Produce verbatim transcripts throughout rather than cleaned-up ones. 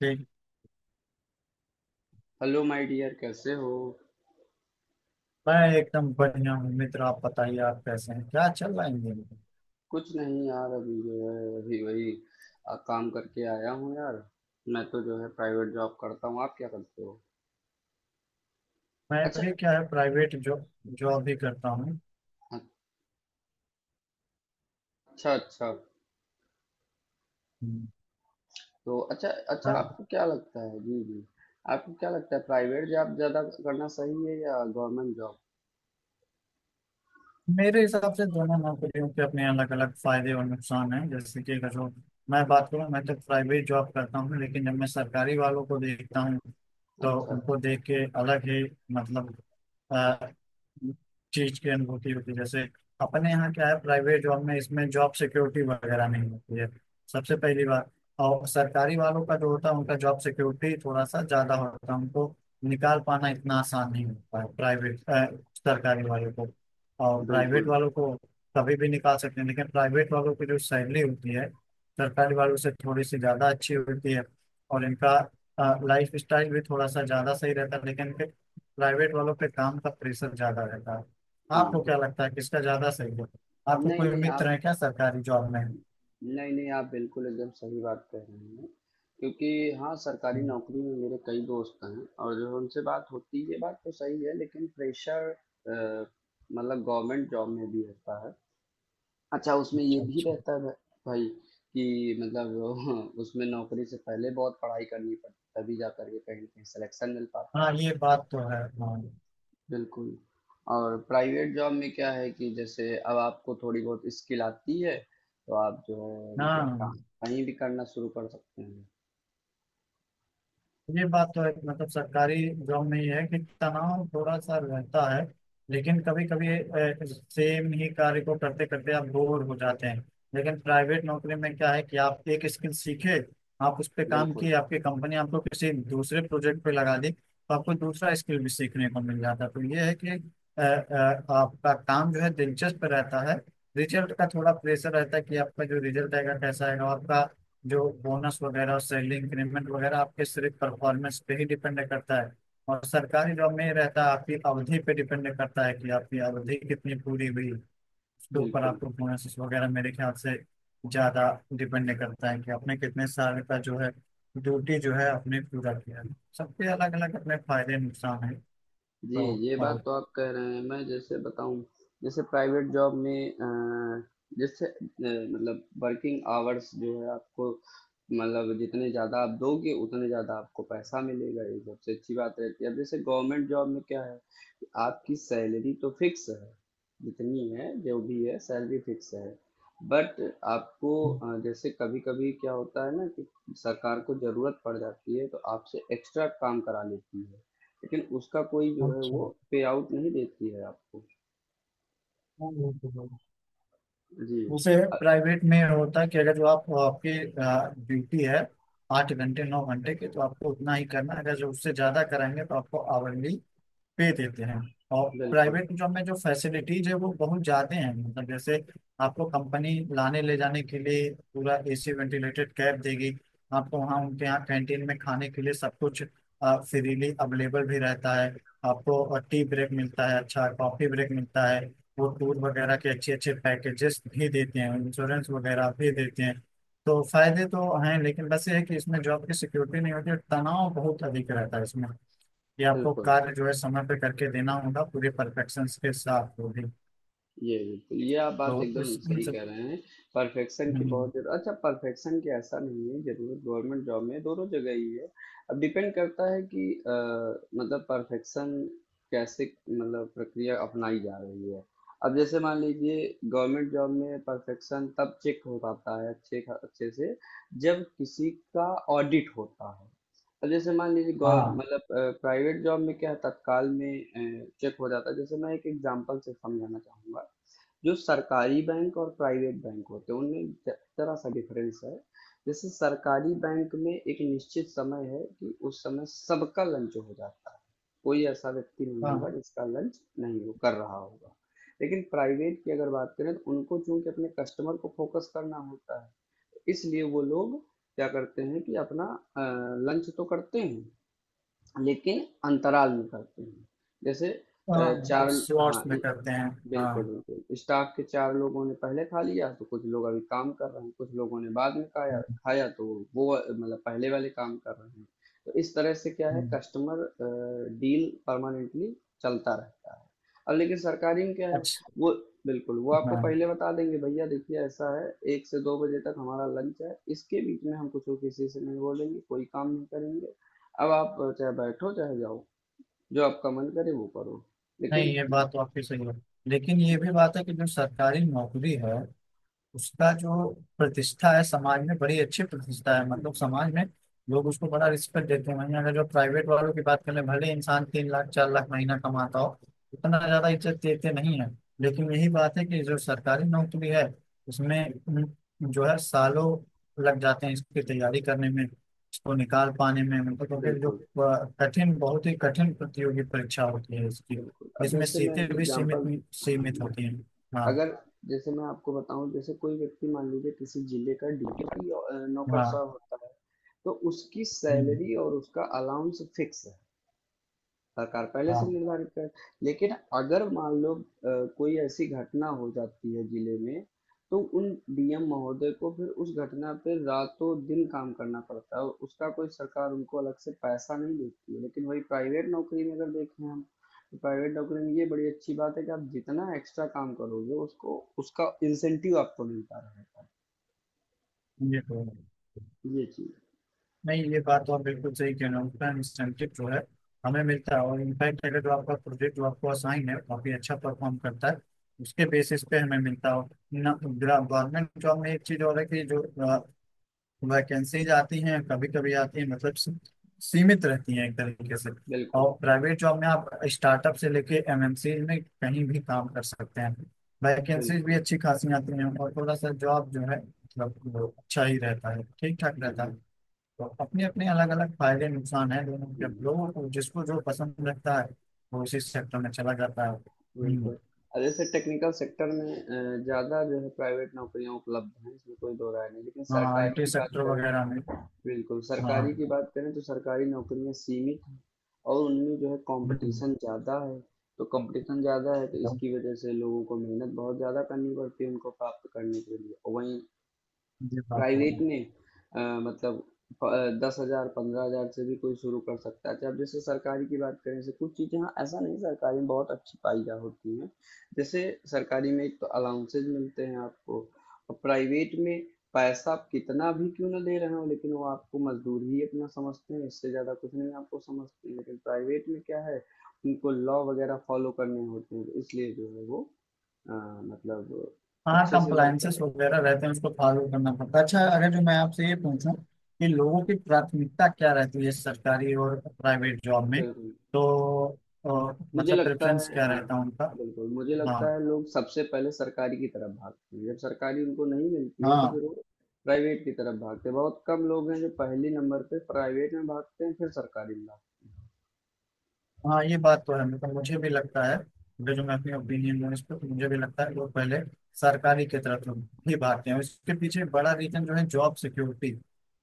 ठीक। Hello my dear, कैसे हो। मैं एकदम बढ़िया हूँ मित्र। आप बताइए, आप कैसे हैं? क्या चल रहा है इन दिनों? कुछ नहीं यार, अभी जो है वही वही। आ, काम करके आया हूँ यार। मैं तो जो है प्राइवेट जॉब करता हूँ। आप क्या करते हो? मैं अच्छा, भी, क्या है, प्राइवेट जॉब। जॉब भी करता हूँ। अच्छा। अच्छा, हम्म। तो अच्छा। अच्छा, और। आपको क्या लगता है? जी, जी। आपको क्या लगता है प्राइवेट जॉब ज़्यादा करना सही है या गवर्नमेंट जॉब? मेरे हिसाब से दोनों नौकरियों के अपने अलग अलग फायदे और नुकसान हैं, जैसे कि अगर जो मैं बात करूं, मैं तो प्राइवेट जॉब करता हूं, लेकिन जब मैं सरकारी वालों को देखता हूं तो अच्छा, उनको अच्छा। देख के अलग ही मतलब अ, चीज की अनुभूति होती है। जैसे अपने यहाँ क्या है, प्राइवेट जॉब में इसमें जॉब सिक्योरिटी वगैरह नहीं होती है, सबसे पहली बात। और सरकारी वालों का जो होता है, उनका जॉब सिक्योरिटी थोड़ा सा ज्यादा होता है, उनको निकाल पाना इतना आसान नहीं होता है। प्राइवेट, सरकारी वालों को और प्राइवेट बिल्कुल। वालों को कभी भी निकाल सकते हैं, लेकिन प्राइवेट वालों की जो सैलरी होती है, सरकारी वालों से थोड़ी सी ज़्यादा अच्छी होती है, और इनका लाइफ स्टाइल भी थोड़ा सा ज़्यादा सही रहता है, लेकिन इनके, प्राइवेट वालों पे काम का प्रेशर ज़्यादा रहता है। हम्म। आपको क्या लगता है किसका ज़्यादा सही है? आपको नहीं कोई नहीं मित्र आप है क्या सरकारी जॉब में? नहीं नहीं आप बिल्कुल एकदम सही बात कह रहे हैं। क्योंकि हाँ, सरकारी नौकरी में मेरे कई दोस्त हैं और जो उनसे बात होती है ये बात तो सही है, लेकिन प्रेशर मतलब गवर्नमेंट जॉब में भी रहता है। अच्छा, उसमें ये अच्छा भी अच्छा। रहता है। भा- भाई, कि मतलब उसमें नौकरी से पहले बहुत पढ़ाई करनी पड़ती है, तभी जा करके कहीं ना कहीं सिलेक्शन मिल पाता हाँ है। ये बात तो है, हाँ। बिल्कुल। और प्राइवेट जॉब में क्या है कि जैसे अब आपको थोड़ी बहुत स्किल आती है, तो आप जो है मतलब काम हाँ कहीं भी करना शुरू कर सकते हैं। ये बात तो है कि मतलब सरकारी जॉब में ये है कि तनाव थोड़ा सा रहता है, लेकिन कभी कभी सेम ही कार्य को करते करते आप बोर हो जाते हैं। लेकिन प्राइवेट नौकरी में क्या है कि आप एक स्किल सीखे, आप उस पर काम बिल्कुल, किए, आपकी कंपनी आपको किसी दूसरे प्रोजेक्ट पे लगा दी, तो आपको दूसरा स्किल भी सीखने को मिल जाता है। तो ये है कि अ, अ, आपका काम जो है दिलचस्प रहता है। रिजल्ट का थोड़ा प्रेशर रहता है कि आपका जो रिजल्ट आएगा कैसा आएगा, आपका जो बोनस वगैरह, सैलरी इंक्रीमेंट वगैरह आपके सिर्फ परफॉर्मेंस पे ही डिपेंड करता है। और सरकारी जॉब में ये रहता है, आपकी अवधि पे डिपेंड करता है कि आपकी अवधि कितनी पूरी हुई, उसके ऊपर बिल्कुल। आपको बोनस वगैरह मेरे ख्याल से ज्यादा डिपेंड करता है, कि आपने कितने साल का जो है ड्यूटी जो है आपने पूरा किया है। सबके अलग अलग अपने फायदे नुकसान है। जी, तो। ये बात और। तो आप कह रहे हैं। मैं जैसे बताऊँ, जैसे प्राइवेट जॉब में अ, जैसे अ, मतलब वर्किंग आवर्स जो है आपको, मतलब जितने ज़्यादा आप दोगे उतने ज़्यादा आपको पैसा मिलेगा, ये सबसे अच्छी बात रहती है। अब जैसे गवर्नमेंट जॉब में क्या है, कि आपकी सैलरी तो फिक्स है, जितनी है जो भी है सैलरी फिक्स है। बट आपको अ, जैसे कभी-कभी क्या होता है ना कि सरकार को ज़रूरत पड़ जाती है तो आपसे एक्स्ट्रा काम करा लेती है। लेकिन उसका कोई जो है अच्छा। वो पे आउट नहीं देती है आपको। हाँ, वो तो है। जी। उसे अ, प्राइवेट में होता है कि अगर जो आप, आपकी ड्यूटी है आठ घंटे नौ घंटे की, तो आपको उतना ही करना है। अगर जो उससे ज्यादा कराएंगे तो आपको आवरली पे देते हैं। और बिल्कुल, प्राइवेट जॉब में जो फैसिलिटीज है वो बहुत ज्यादा हैं, मतलब जैसे आपको कंपनी लाने ले जाने के लिए पूरा एसी वेंटिलेटेड कैब देगी, आपको वहाँ उनके यहाँ कैंटीन में खाने के लिए सब कुछ फ्रीली अवेलेबल भी रहता है, आपको टी ब्रेक मिलता है, अच्छा कॉफी ब्रेक मिलता है, वो टूर वगैरह के अच्छे अच्छे पैकेजेस भी देते हैं, इंश्योरेंस वगैरह भी देते हैं। तो फायदे तो हैं, लेकिन बस ये है कि इसमें जॉब की सिक्योरिटी नहीं होती और तनाव बहुत अधिक रहता है इसमें, कि आपको बिल्कुल। कार्य जो है समय पे करके देना होगा पूरे परफेक्शन के साथ, वो भी। ये बिल्कुल, ये आप बात तो एकदम उस, इन सही सब। कह रहे हैं। परफेक्शन की हम्म। बहुत जरूरत। अच्छा, परफेक्शन की ऐसा नहीं है, जरूरत गवर्नमेंट जॉब में दोनों जगह ही है। अब डिपेंड करता है कि अ, मतलब परफेक्शन कैसे, मतलब प्रक्रिया अपनाई जा रही है। अब जैसे मान लीजिए गवर्नमेंट जॉब में परफेक्शन तब चेक हो पाता है अच्छे खा- अच्छे से, जब किसी का ऑडिट होता है। अब जैसे मान लीजिए गौ हाँ। मतलब प्राइवेट जॉब में क्या है तत्काल में चेक हो जाता है, जैसे मैं एक एग्जांपल से समझाना चाहूँगा। जो सरकारी बैंक और प्राइवेट बैंक होते हैं, उनमें ज- जरा सा डिफरेंस है। जैसे सरकारी बैंक में एक निश्चित समय है कि उस समय सबका लंच हो जाता है। कोई ऐसा व्यक्ति नहीं होगा हाँ। जिसका लंच नहीं हो कर रहा होगा। लेकिन प्राइवेट की अगर बात करें तो उनको चूंकि अपने कस्टमर को फोकस करना होता है, इसलिए वो लोग क्या करते हैं कि अपना लंच तो करते हैं लेकिन अंतराल में करते हैं। जैसे हाँ अ, चार, मतलब हाँ, शॉर्ट्स में करते हैं। बिल्कुल, हाँ। बिल्कुल। स्टाफ के चार लोगों ने पहले खा लिया, तो कुछ लोग अभी काम कर रहे हैं, कुछ लोगों ने बाद में खाया हम्म। खाया, तो वो अ, मतलब पहले वाले काम कर रहे हैं। तो इस तरह से क्या है, हम्म। कस्टमर अ, डील परमानेंटली चलता रहता है। अब लेकिन सरकारी में क्या है, अच्छा। वो बिल्कुल, वो आपको हाँ। पहले बता देंगे, भैया देखिए ऐसा है, एक से दो बजे तक हमारा लंच है, इसके बीच में हम कुछ और किसी से नहीं बोलेंगे, कोई काम नहीं करेंगे। अब आप चाहे बैठो चाहे जाओ, जो आपका मन करे वो करो। लेकिन नहीं ये बात तो आपकी सही है, लेकिन ये भी बात है कि जो सरकारी नौकरी है, उसका जो प्रतिष्ठा है समाज में, बड़ी अच्छी प्रतिष्ठा है, हुँ, मतलब समाज में लोग उसको बड़ा रिस्पेक्ट देते हैं। वहीं अगर जो प्राइवेट वालों की बात करें, भले इंसान तीन लाख चार लाख महीना कमाता हो, उतना ज्यादा इज्जत देते नहीं है। लेकिन यही बात है कि जो सरकारी नौकरी है, उसमें उम, जो है सालों लग जाते हैं इसकी तैयारी करने में, इसको निकाल पाने में। मतलब क्योंकि जो बिल्कुल। अ, कठिन, बहुत ही कठिन प्रतियोगी परीक्षा होती है इसकी, बिल्कुल, और अब इसमें जैसे मैं सीटें एक भी सीमित, एग्जांपल, हाँ सीमित मैं, होती हैं। हाँ। अगर जैसे मैं आपको बताऊं, जैसे कोई व्यक्ति मान लीजिए किसी जिले का डीटीपी नौकरशाह हाँ। होता है। तो उसकी हम्म। सैलरी और उसका अलाउंस फिक्स है। सरकार पहले से हाँ निर्धारित कर। लेकिन अगर मान लो अ, कोई ऐसी घटना हो जाती है जिले में, तो उन डीएम महोदय को फिर उस घटना पे रातों दिन काम करना पड़ता है और उसका कोई सरकार उनको अलग से पैसा नहीं देती है, लेकिन वही प्राइवेट नौकरी में अगर देखें हम, तो प्राइवेट नौकरी में ये बड़ी अच्छी बात है कि आप जितना एक्स्ट्रा काम करोगे उसको उसका इंसेंटिव आपको मिलता रहेगा। ये तो है। ये चीज। नहीं ये बात तो आप बिल्कुल सही कह रहे हो, उतना इंसेंटिव जो है हमें मिलता है, और इनफैक्ट अगर जो आपका प्रोजेक्ट जो आपको असाइन है काफी अच्छा परफॉर्म करता है, उसके बेसिस पे हमें मिलता हो ना। गवर्नमेंट जॉब में एक चीज और है कि जो वैकेंसीज आती हैं कभी कभी आती हैं, मतलब सी- सीमित रहती हैं एक तरीके से। बिल्कुल, और प्राइवेट जॉब में आप स्टार्टअप से लेके एमएनसी में कहीं भी काम कर सकते हैं, वैकेंसीज भी बिल्कुल, अच्छी खासी आती हैं, और थोड़ा सा जॉब जो है, मतलब वो अच्छा ही रहता है, ठीक ठाक रहता है। बिल्कुल, तो अपने अपने अलग अलग फायदे नुकसान हैं दोनों के, लोगों को जिसको जो पसंद लगता है वो उसी सेक्टर में चला जाता है। हम्म। बिल्कुल। अ, जैसे टेक्निकल सेक्टर में अ, ज़्यादा जो है प्राइवेट नौकरियाँ उपलब्ध हैं, इसमें कोई दो राय नहीं। लेकिन हाँ सरकारी आईटी की बात सेक्टर करें, वगैरह में। बिल्कुल, हाँ। सरकारी की बात करें तो सरकारी नौकरियाँ सीमित हैं। और उनमें जो है हम्म। कॉम्पिटिशन ज़्यादा है। तो कॉम्पिटिशन ज़्यादा है तो तो इसकी वजह से लोगों को मेहनत बहुत ज़्यादा करनी पड़ती है उनको प्राप्त करने के लिए। और वहीं ये बात तो प्राइवेट है। में अ, मतलब दस हजार पंद्रह हजार से भी कोई शुरू कर सकता है। जब जैसे सरकारी की बात करें, जैसे कुछ चीज़ें, हाँ, ऐसा नहीं, सरकारी में बहुत अच्छी पाई जा होती हैं। जैसे सरकारी में एक तो अलाउंसेज मिलते हैं आपको, और प्राइवेट में पैसा आप कितना भी क्यों ना दे रहे हो, लेकिन वो आपको मजदूर ही अपना समझते हैं, इससे ज़्यादा कुछ नहीं आपको समझते हैं। लेकिन प्राइवेट में क्या है, उनको लॉ वगैरह फॉलो करने होते हैं, तो इसलिए जो है वो अ, मतलब हाँ अच्छे से वर्क कर। कंप्लायंसेस वगैरह रहते हैं, उसको फॉलो करना पड़ता है। अच्छा, अगर जो मैं आपसे ये पूछूं कि लोगों की प्राथमिकता क्या रहती है सरकारी और प्राइवेट जॉब में, बिल्कुल, तो अ, मुझे मतलब लगता प्रेफरेंस है, क्या हाँ। रहता है उनका? बिल्कुल, मुझे हाँ। लगता है लोग सबसे पहले सरकारी की तरफ भागते हैं, जब सरकारी उनको नहीं मिलती है तो फिर हाँ। वो प्राइवेट की तरफ भागते हैं, बहुत कम लोग हैं जो पहले नंबर पे प्राइवेट में भागते हैं फिर सरकारी में भागते हाँ ये बात तो है, मतलब मुझे भी लगता है, जो जो मैं अपनी ओपिनियन दूँ इस पर, तो मुझे भी लगता है वो पहले सरकारी की तरफ ही भागते हैं। इसके पीछे बड़ा रीजन जो है जॉब सिक्योरिटी,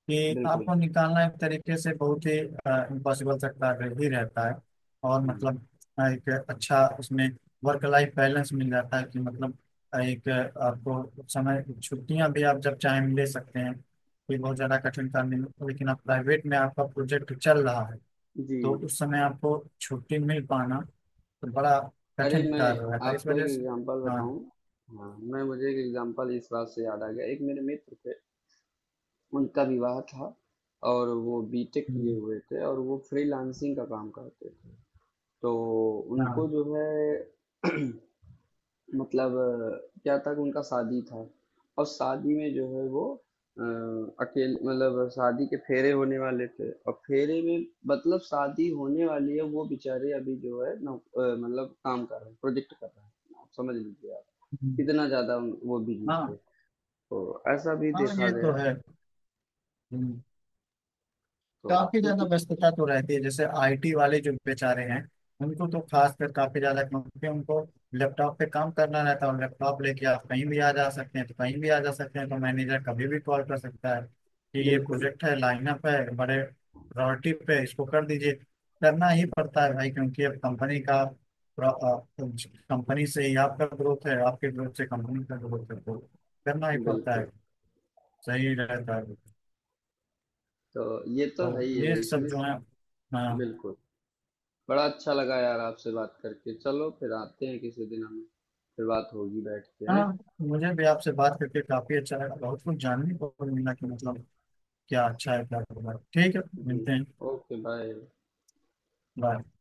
हैं। कि बिल्कुल। आपको निकालना एक तरीके से बहुत ही इम्पॉसिबल सा कार्य ही रहता है। और हम्म। मतलब अ, एक अच्छा उसमें वर्क लाइफ बैलेंस मिल जाता है, कि मतलब अ, एक अ, आपको समय छुट्टियां भी आप जब चाहें ले सकते हैं, कोई बहुत ज़्यादा कठिन काम नहीं। लेकिन आप प्राइवेट में आपका प्रोजेक्ट चल रहा है जी। तो उस समय आपको छुट्टी मिल पाना तो बड़ा अरे कठिन मैं कार्य हो रहा था, इस आपको वजह एक से। एग्जांपल हाँ। बताऊं। हाँ, मैं मुझे एक एग्जांपल इस बात से याद आ गया। एक मेरे मित्र थे। उनका विवाह था और वो बीटेक किए हम्म। हुए थे और वो फ्रीलांसिंग का काम करते थे। तो उनको हाँ। जो है मतलब अ, क्या था कि उनका शादी था। और शादी में जो है वो अ, अकेले, मतलब शादी के फेरे होने वाले थे, और फेरे में, मतलब शादी होने वाली है, वो बेचारे अभी जो है नौ- अ, मतलब काम कर रहे हैं, प्रोजेक्ट कर रहे हैं, आप समझ लीजिए, आप हम्म। इतना ज्यादा उन- वो बिजी थे। हाँ। तो ऐसा भी हाँ देखा ये तो गया है। है। तो काफी ज्यादा क्योंकि, व्यस्तता तो रहती है, जैसे आईटी वाले जो बेचारे हैं, उनको तो खासकर काफी ज्यादा, क्योंकि उनको लैपटॉप पे काम करना रहता है, और लैपटॉप लेके आप कहीं भी आ जा सकते हैं, तो कहीं भी आ जा सकते हैं तो मैनेजर कभी भी कॉल कर सकता है कि ये बिल्कुल, प्रोजेक्ट है, लाइनअप है, बड़े प्रायोरिटी पे है, इसको कर दीजिए। करना ही पड़ता है भाई, क्योंकि अब कंपनी का, कंपनी से ही आपका ग्रोथ है, आपके ग्रोथ से कंपनी का ग्रोथ है, तो करना ही पड़ता बिल्कुल। है। सही रहता है। तो ये तो है ही तो है ये सब इसमें। जो है। बिल्कुल, बड़ा अच्छा लगा यार आपसे बात करके। चलो फिर आते हैं किसी दिन हम। फिर बात होगी, बैठ के हैं। हाँ मुझे भी आपसे बात करके काफी अच्छा लगा, बहुत कुछ जानने को मिला, कि मतलब क्या अच्छा है क्या बुरा है। ठीक है। जी। मिलते हैं। Okay, bye. बाय।